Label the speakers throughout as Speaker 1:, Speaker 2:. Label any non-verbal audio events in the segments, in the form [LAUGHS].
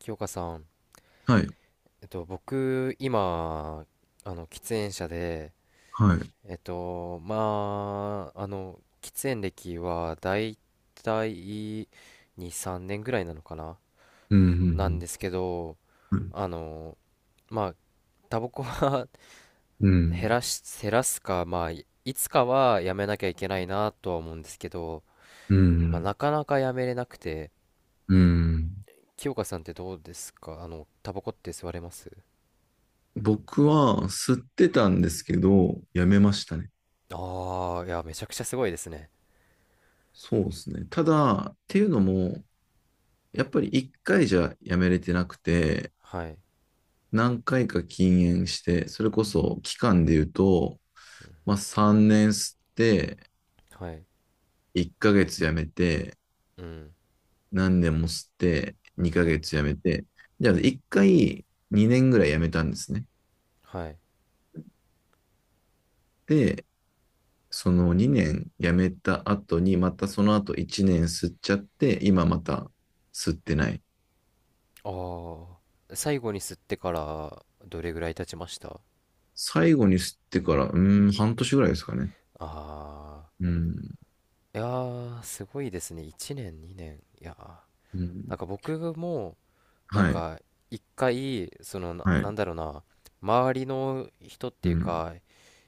Speaker 1: 清香さん、
Speaker 2: はい、
Speaker 1: 僕、今、喫煙者で、
Speaker 2: はい。
Speaker 1: まあ、喫煙歴はだいたい2、3年ぐらいなのかな
Speaker 2: う
Speaker 1: なん
Speaker 2: ん、
Speaker 1: ですけど、
Speaker 2: うん、
Speaker 1: あの、まあ、タバコは
Speaker 2: う
Speaker 1: [LAUGHS]
Speaker 2: ん、
Speaker 1: 減らすか、まあ、いいつかはやめなきゃいけないなとは思うんですけど、
Speaker 2: う
Speaker 1: まあ、な
Speaker 2: ん。
Speaker 1: かなかやめれなくて。
Speaker 2: うん。
Speaker 1: 清香さんってどうですか？タバコって吸われます？
Speaker 2: 僕は吸ってたんですけど、やめましたね。
Speaker 1: ああー、いや、めちゃくちゃすごいですね。
Speaker 2: そうですね。ただ、っていうのも、やっぱり一回じゃやめれてなくて、
Speaker 1: はい。
Speaker 2: 何回か禁煙して、それこそ期間で言うと、まあ3年吸って、
Speaker 1: はい。
Speaker 2: 1ヶ月やめて、
Speaker 1: うん。
Speaker 2: 何年も吸って、2
Speaker 1: は、
Speaker 2: ヶ月やめて、じゃあ1回2年ぐらいやめたんですね。
Speaker 1: はい。
Speaker 2: で、その2年辞めた後に、またその後1年吸っちゃって、今また吸ってない。
Speaker 1: ああ。最後に吸ってからどれぐらい経ちました？
Speaker 2: 最後に吸ってから、うーん、半年ぐらいですかね。
Speaker 1: ああ。
Speaker 2: うん、
Speaker 1: いやー、すごいですね。1年、2年。いやー。
Speaker 2: う
Speaker 1: な
Speaker 2: ん。
Speaker 1: んか僕も、なん
Speaker 2: はい、
Speaker 1: か、一回、そのな、
Speaker 2: は
Speaker 1: な
Speaker 2: い。
Speaker 1: んだろうな、周りの人って
Speaker 2: う
Speaker 1: いう
Speaker 2: ん、
Speaker 1: か、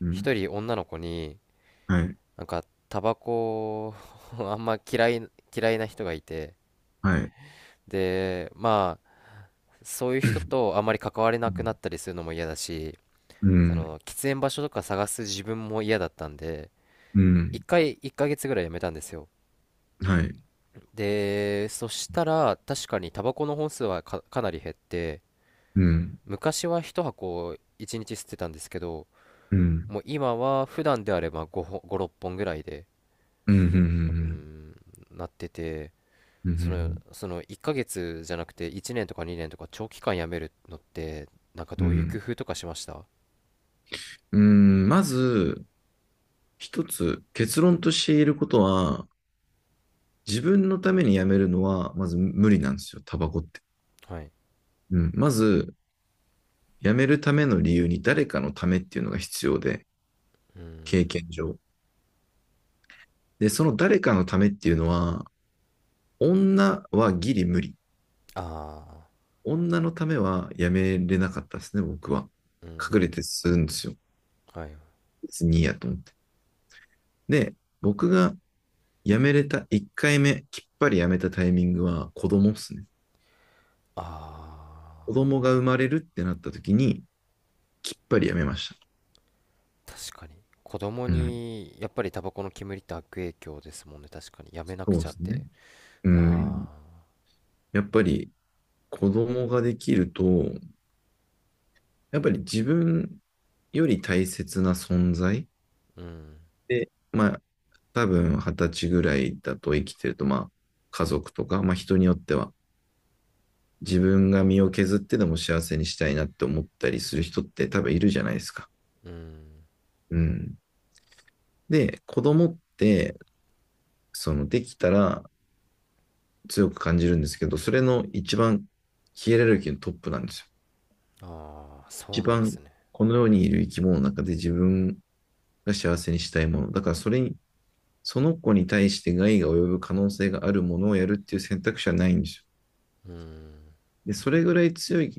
Speaker 2: うん。
Speaker 1: 一人女の子に、
Speaker 2: はい、
Speaker 1: なんか、タバコを [LAUGHS] あんま嫌い、嫌いな人がいて、
Speaker 2: はい。
Speaker 1: で、まあ、そういう
Speaker 2: [CLEARS THROAT]
Speaker 1: 人
Speaker 2: う
Speaker 1: とあんまり関われなくなったりするのも嫌だし、そ
Speaker 2: ん、
Speaker 1: の喫煙場所とか探す自分も嫌だったんで、
Speaker 2: う
Speaker 1: 一
Speaker 2: ん。
Speaker 1: 回1ヶ月ぐらいやめたんですよ。
Speaker 2: はい。
Speaker 1: でそしたら確かにタバコの本数はかなり減って、
Speaker 2: うん、
Speaker 1: 昔は1箱1日吸ってたんですけど、
Speaker 2: うん、
Speaker 1: もう今は普段であれば5、6本ぐらいで
Speaker 2: うん、う
Speaker 1: うー
Speaker 2: ん、
Speaker 1: んなってて。
Speaker 2: うん、うん、う
Speaker 1: その、
Speaker 2: ん、
Speaker 1: その1ヶ月じゃなくて1年とか2年とか長期間やめるのって、なんか
Speaker 2: う
Speaker 1: どういう工
Speaker 2: ん。
Speaker 1: 夫とかしました？
Speaker 2: うん。まず、一つ結論として言えることは、自分のためにやめるのは、まず無理なんですよ、タバコって。
Speaker 1: はい。
Speaker 2: うん。まず、辞めるための理由に誰かのためっていうのが必要で、経験上。で、その誰かのためっていうのは、女はギリ無理。
Speaker 1: あ
Speaker 2: 女のためは辞めれなかったですね、僕は。
Speaker 1: あー、うん。
Speaker 2: 隠れてするんですよ。
Speaker 1: はい。
Speaker 2: 別にいいやと思って。で、僕が辞めれた1回目、きっぱり辞めたタイミングは子供っすね。
Speaker 1: ああー。
Speaker 2: 子供が生まれるってなった時に、きっぱり辞めました。
Speaker 1: 確かに、子供
Speaker 2: うん、
Speaker 1: にやっぱりタバコの煙って悪影響ですもんね。確かにやめな
Speaker 2: そ
Speaker 1: く
Speaker 2: う
Speaker 1: ち
Speaker 2: で
Speaker 1: ゃっ
Speaker 2: すね。
Speaker 1: て。
Speaker 2: うん。
Speaker 1: あ
Speaker 2: やっぱり子供ができると、やっぱり自分より大切な存在
Speaker 1: あー、うん、
Speaker 2: で、まあ、多分二十歳ぐらいだと生きてると、まあ、家族とか、まあ、人によっては、自分が身を削ってでも幸せにしたいなって思ったりする人って多分いるじゃないですか。
Speaker 1: うん。
Speaker 2: うん。で、子供って、その、できたら強く感じるんですけど、それの一番ヒエラルキーのトップなんですよ。
Speaker 1: ああー、そ
Speaker 2: 一
Speaker 1: うなんで
Speaker 2: 番
Speaker 1: すね。
Speaker 2: この世にいる生き物の中で自分が幸せにしたいもの。だからそれにその子に対して害が及ぶ可能性があるものをやるっていう選択肢はないんですよ。
Speaker 1: うん。
Speaker 2: で、それぐらい強い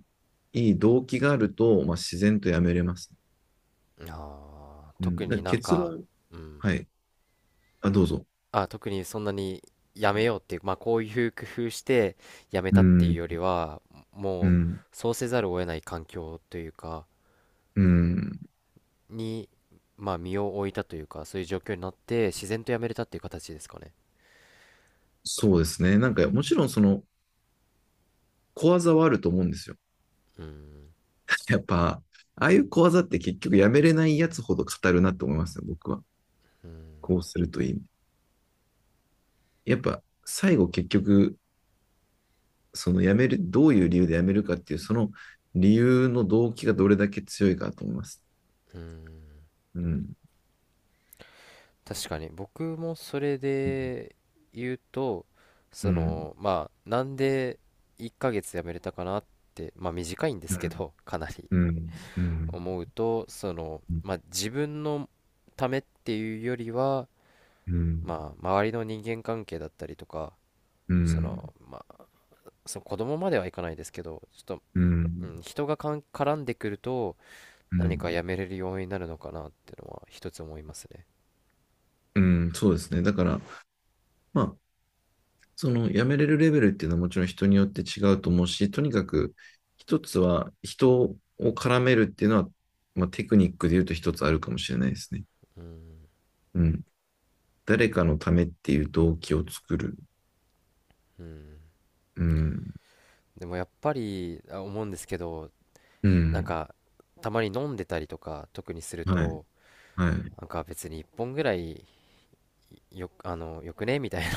Speaker 2: 動機があると、まあ、自然とやめれます。
Speaker 1: ああー、
Speaker 2: うん、
Speaker 1: 特
Speaker 2: だか
Speaker 1: に
Speaker 2: ら
Speaker 1: なん
Speaker 2: 結
Speaker 1: か。
Speaker 2: 論、
Speaker 1: うん。
Speaker 2: はい。あ、どうぞ。
Speaker 1: あ、特にそんなにやめようっていう、まあ、こういう工夫してやめ
Speaker 2: う
Speaker 1: たっていう
Speaker 2: ん、
Speaker 1: よりは、
Speaker 2: う
Speaker 1: もう、
Speaker 2: ん、
Speaker 1: そうせざるを得ない環境というか、
Speaker 2: うん。
Speaker 1: にまあ身を置いたというか、そういう状況になって自然とやめれたっていう形ですかね？
Speaker 2: そうですね。なんか、もちろんその、小技はあると思うんですよ。
Speaker 1: うん、
Speaker 2: [LAUGHS] やっぱ、ああいう小技って結局やめれないやつほど語るなと思いますね、僕は。
Speaker 1: うん。
Speaker 2: こうするといい。やっぱ、最後結局、その辞める、どういう理由で辞めるかっていう、その理由の動機がどれだけ強いかと思います。うん。
Speaker 1: 確かに僕もそれ
Speaker 2: うん。
Speaker 1: で言うと、
Speaker 2: う
Speaker 1: そ
Speaker 2: ん。
Speaker 1: の、まあ、なんで1ヶ月辞めれたかなって、まあ短いんで
Speaker 2: う
Speaker 1: すけ
Speaker 2: ん。
Speaker 1: ど、 [LAUGHS] かなり
Speaker 2: うん。うん。
Speaker 1: 思うと、その、まあ、自分のためっていうよりは、
Speaker 2: うん。
Speaker 1: まあ周りの人間関係だったりとか、
Speaker 2: う
Speaker 1: その、
Speaker 2: ん。
Speaker 1: まあ、その子供まではいかないですけどちょっと、うん、
Speaker 2: う
Speaker 1: 人が絡んでくると、何か
Speaker 2: ん。
Speaker 1: 辞めれる要因になるのかなっていうのは一つ思いますね。
Speaker 2: うん。そうですね。だから、まあ、その辞めれるレベルっていうのはもちろん人によって違うと思うし、とにかく一つは人を絡めるっていうのは、まあ、テクニックで言うと一つあるかもしれないですね。
Speaker 1: うん、
Speaker 2: うん。誰かのためっていう動機を作る。
Speaker 1: うん。
Speaker 2: うん。
Speaker 1: でもやっぱり思うんですけど、
Speaker 2: う
Speaker 1: なん
Speaker 2: ん。
Speaker 1: か、たまに飲んでたりとか特にする
Speaker 2: はい。
Speaker 1: と、
Speaker 2: はい。
Speaker 1: なんか別に1本ぐらい、よ、あのよくねみたいな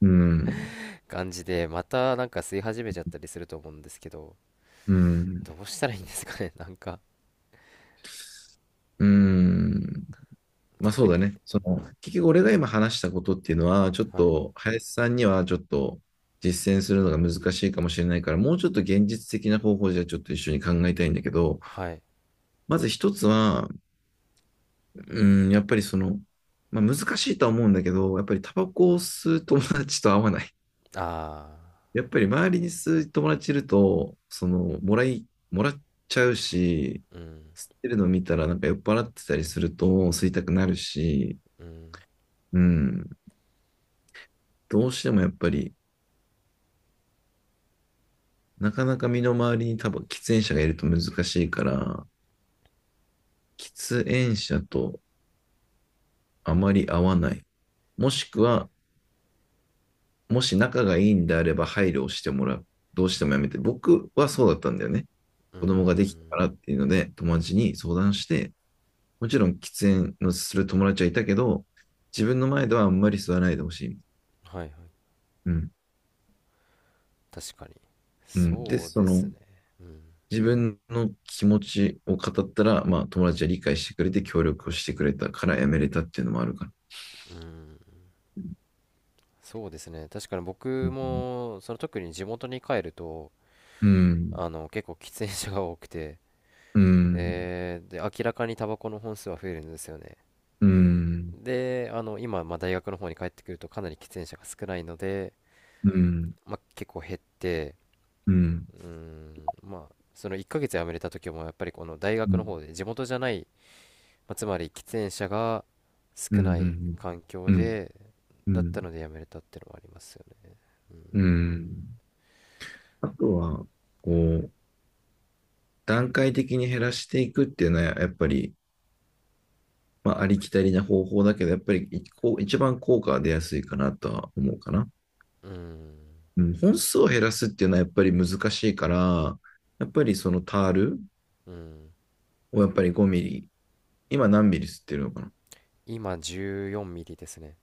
Speaker 2: うん。
Speaker 1: [LAUGHS] 感じでまたなんか吸い始めちゃったりすると思うんですけど、
Speaker 2: うん。
Speaker 1: どうしたらいいんですかね？ [LAUGHS] なんか。
Speaker 2: うん。まあ
Speaker 1: 特
Speaker 2: そうだ
Speaker 1: に。
Speaker 2: ね。その、結局俺が今話したことっていうのは、ちょっ
Speaker 1: はい。
Speaker 2: と、林さんにはちょっと実践するのが難しいかもしれないから、もうちょっと現実的な方法じゃちょっと一緒に考えたいんだけど、
Speaker 1: はい。
Speaker 2: まず一つは、うん、やっぱりその、まあ難しいとは思うんだけど、やっぱりタバコを吸う友達と合わない。
Speaker 1: あ
Speaker 2: やっぱり周りに数友達いると、その、もらっちゃうし、
Speaker 1: あー、うん。
Speaker 2: 吸ってるの見たらなんか酔っ払ってたりすると吸いたくなるし、
Speaker 1: うん。
Speaker 2: うん、どうしてもやっぱり、なかなか身の回りに多分喫煙者がいると難しいから、喫煙者とあまり合わない。もしくは、もし仲がいいんであれば配慮をしてもらう。どうしてもやめて。僕はそうだったんだよね。
Speaker 1: うー
Speaker 2: 子供ができたか
Speaker 1: ん。
Speaker 2: らっていうので、友達に相談して、もちろん喫煙のする友達はいたけど、自分の前ではあんまり吸わないでほしい。
Speaker 1: はい。はい。
Speaker 2: うん。
Speaker 1: 確かに、
Speaker 2: うん。で、
Speaker 1: そう
Speaker 2: そ
Speaker 1: です
Speaker 2: の、
Speaker 1: ね。うん。
Speaker 2: 自分の気持ちを語ったら、まあ、友達は理解してくれて、協力をしてくれたからやめれたっていうのもあるから。
Speaker 1: うん。そうですね。確かに
Speaker 2: う
Speaker 1: 僕
Speaker 2: ん。
Speaker 1: もその、特に地元に帰ると、
Speaker 2: うん。
Speaker 1: 結構喫煙者が多くて、
Speaker 2: う
Speaker 1: [LAUGHS]
Speaker 2: ん。
Speaker 1: で、明らかにタバコの本数は増えるんですよね。
Speaker 2: うん。
Speaker 1: で、今、まあ、大学の方に帰ってくるとかなり喫煙者が少ないので、
Speaker 2: うん。
Speaker 1: まあ、結構減って、
Speaker 2: うん。
Speaker 1: まあ、その1ヶ月辞めれた時もやっぱりこの大
Speaker 2: う
Speaker 1: 学の
Speaker 2: ん。
Speaker 1: 方で地元じゃない、まあ、つまり喫煙者が
Speaker 2: う
Speaker 1: 少ない
Speaker 2: ん。
Speaker 1: 環境で、
Speaker 2: う
Speaker 1: だった
Speaker 2: ん。
Speaker 1: ので辞めれたってのはありますよね。
Speaker 2: うん。あとは、こう、段階的に減らしていくっていうのは、やっぱり、まあ、ありきたりな方法だけど、やっぱり一こう一番効果が出やすいかなとは思うかな。
Speaker 1: うーん、
Speaker 2: うん、本数を減らすっていうのはやっぱり難しいから、やっぱりそのタール
Speaker 1: うん。
Speaker 2: をやっぱり5ミリ、今何ミリ吸ってるのかな？
Speaker 1: 今14ミリですね。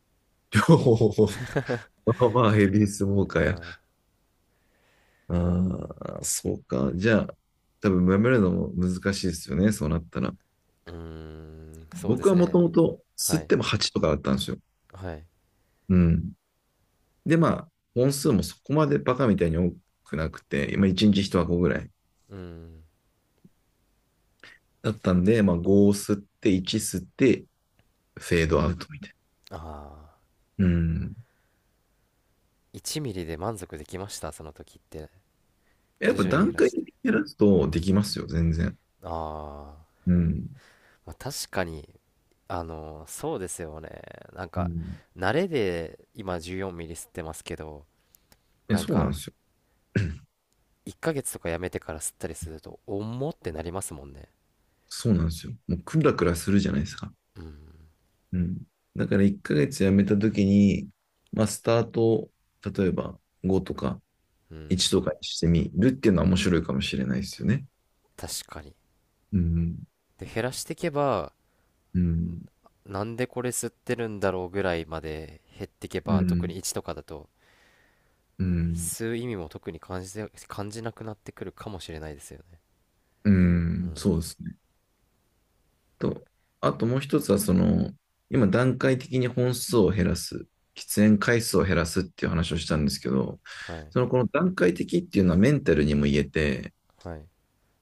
Speaker 2: 両方。[LAUGHS] まあまあヘビースモーカーや。ああ、そうか。じゃあ、多分やめるのも難しいですよね、そうなったら。
Speaker 1: うーん、そうで
Speaker 2: 僕
Speaker 1: す
Speaker 2: はもと
Speaker 1: ね。
Speaker 2: もと吸
Speaker 1: は
Speaker 2: っ
Speaker 1: い、
Speaker 2: ても8とかだったんですよ。
Speaker 1: はい。
Speaker 2: うん。で、まあ、本数もそこまでバカみたいに多くなくて、今1日1箱ぐらい
Speaker 1: うん。
Speaker 2: だったんで、まあ、5を吸って、1吸って、フェードアウトみたい
Speaker 1: ああ、
Speaker 2: な。うん。
Speaker 1: 1ミリで満足できました、その時って？
Speaker 2: やっ
Speaker 1: 徐
Speaker 2: ぱ
Speaker 1: 々に減
Speaker 2: 段
Speaker 1: ら
Speaker 2: 階
Speaker 1: し
Speaker 2: 的
Speaker 1: て。
Speaker 2: に減らすとできますよ、全然。
Speaker 1: ああ。
Speaker 2: うん。
Speaker 1: まあ、確かに、そうですよね。なん
Speaker 2: う
Speaker 1: か、
Speaker 2: ん、
Speaker 1: 慣れで今14ミリ吸ってますけど、なん
Speaker 2: そうなんで
Speaker 1: か、
Speaker 2: すよ。[CLEARS THROAT]
Speaker 1: 1ヶ月とかやめてから吸ったりすると、重ってなりますもんね。
Speaker 2: [LAUGHS] そうなんですよ。もうクラクラするじゃないですか。
Speaker 1: うん、
Speaker 2: うん。だから1ヶ月やめた時に、まあ、スタートを、例えば5とか
Speaker 1: うん、
Speaker 2: 1とかにしてみるっていうのは面白いかもしれないですよね。
Speaker 1: 確かに。
Speaker 2: うん。
Speaker 1: で、減らしていけば、
Speaker 2: うん。
Speaker 1: なんでこれ吸ってるんだろうぐらいまで減っていけ
Speaker 2: う
Speaker 1: ば、特
Speaker 2: ん。
Speaker 1: に1とかだと、
Speaker 2: うん。
Speaker 1: 吸う意味も特に感じなくなってくるかもしれないですよね。
Speaker 2: う
Speaker 1: う
Speaker 2: ん。
Speaker 1: ん。
Speaker 2: そうですね。と、あともう一つは、その、今段階的に本数を減らす、喫煙回数を減らすっていう話をしたんですけど、
Speaker 1: はい
Speaker 2: そのこの段階的っていうのはメンタルにも言えて、
Speaker 1: はい。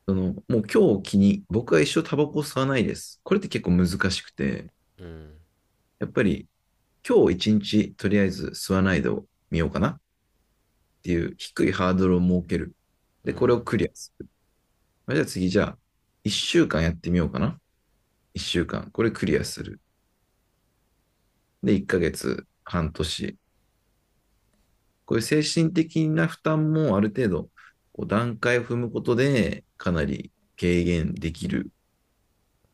Speaker 2: そのもう今日を機に僕は一生タバコを吸わないです。これって結構難しくて、
Speaker 1: うん。
Speaker 2: やっぱり今日一日とりあえず吸わないでを見ようかなっていう低いハードルを設ける。
Speaker 1: う
Speaker 2: で、これを
Speaker 1: ん。
Speaker 2: クリアする。まあじゃあ次、じゃあ一週間やってみようかな。一週間。これクリアする。で、一ヶ月、半年、こういう精神的な負担もある程度、こう段階を踏むことで、かなり軽減できる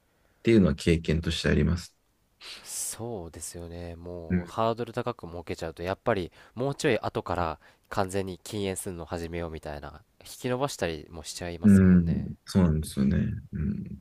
Speaker 2: っていうのは経験としてあります。
Speaker 1: そうですよね、
Speaker 2: う
Speaker 1: もう
Speaker 2: ん、
Speaker 1: ハードル高く設けちゃうとやっぱりもうちょい後から完全に禁煙するの始めようみたいな引き延ばしたりもしちゃいま
Speaker 2: う
Speaker 1: すもんね。
Speaker 2: ん。そうなんですよね。うん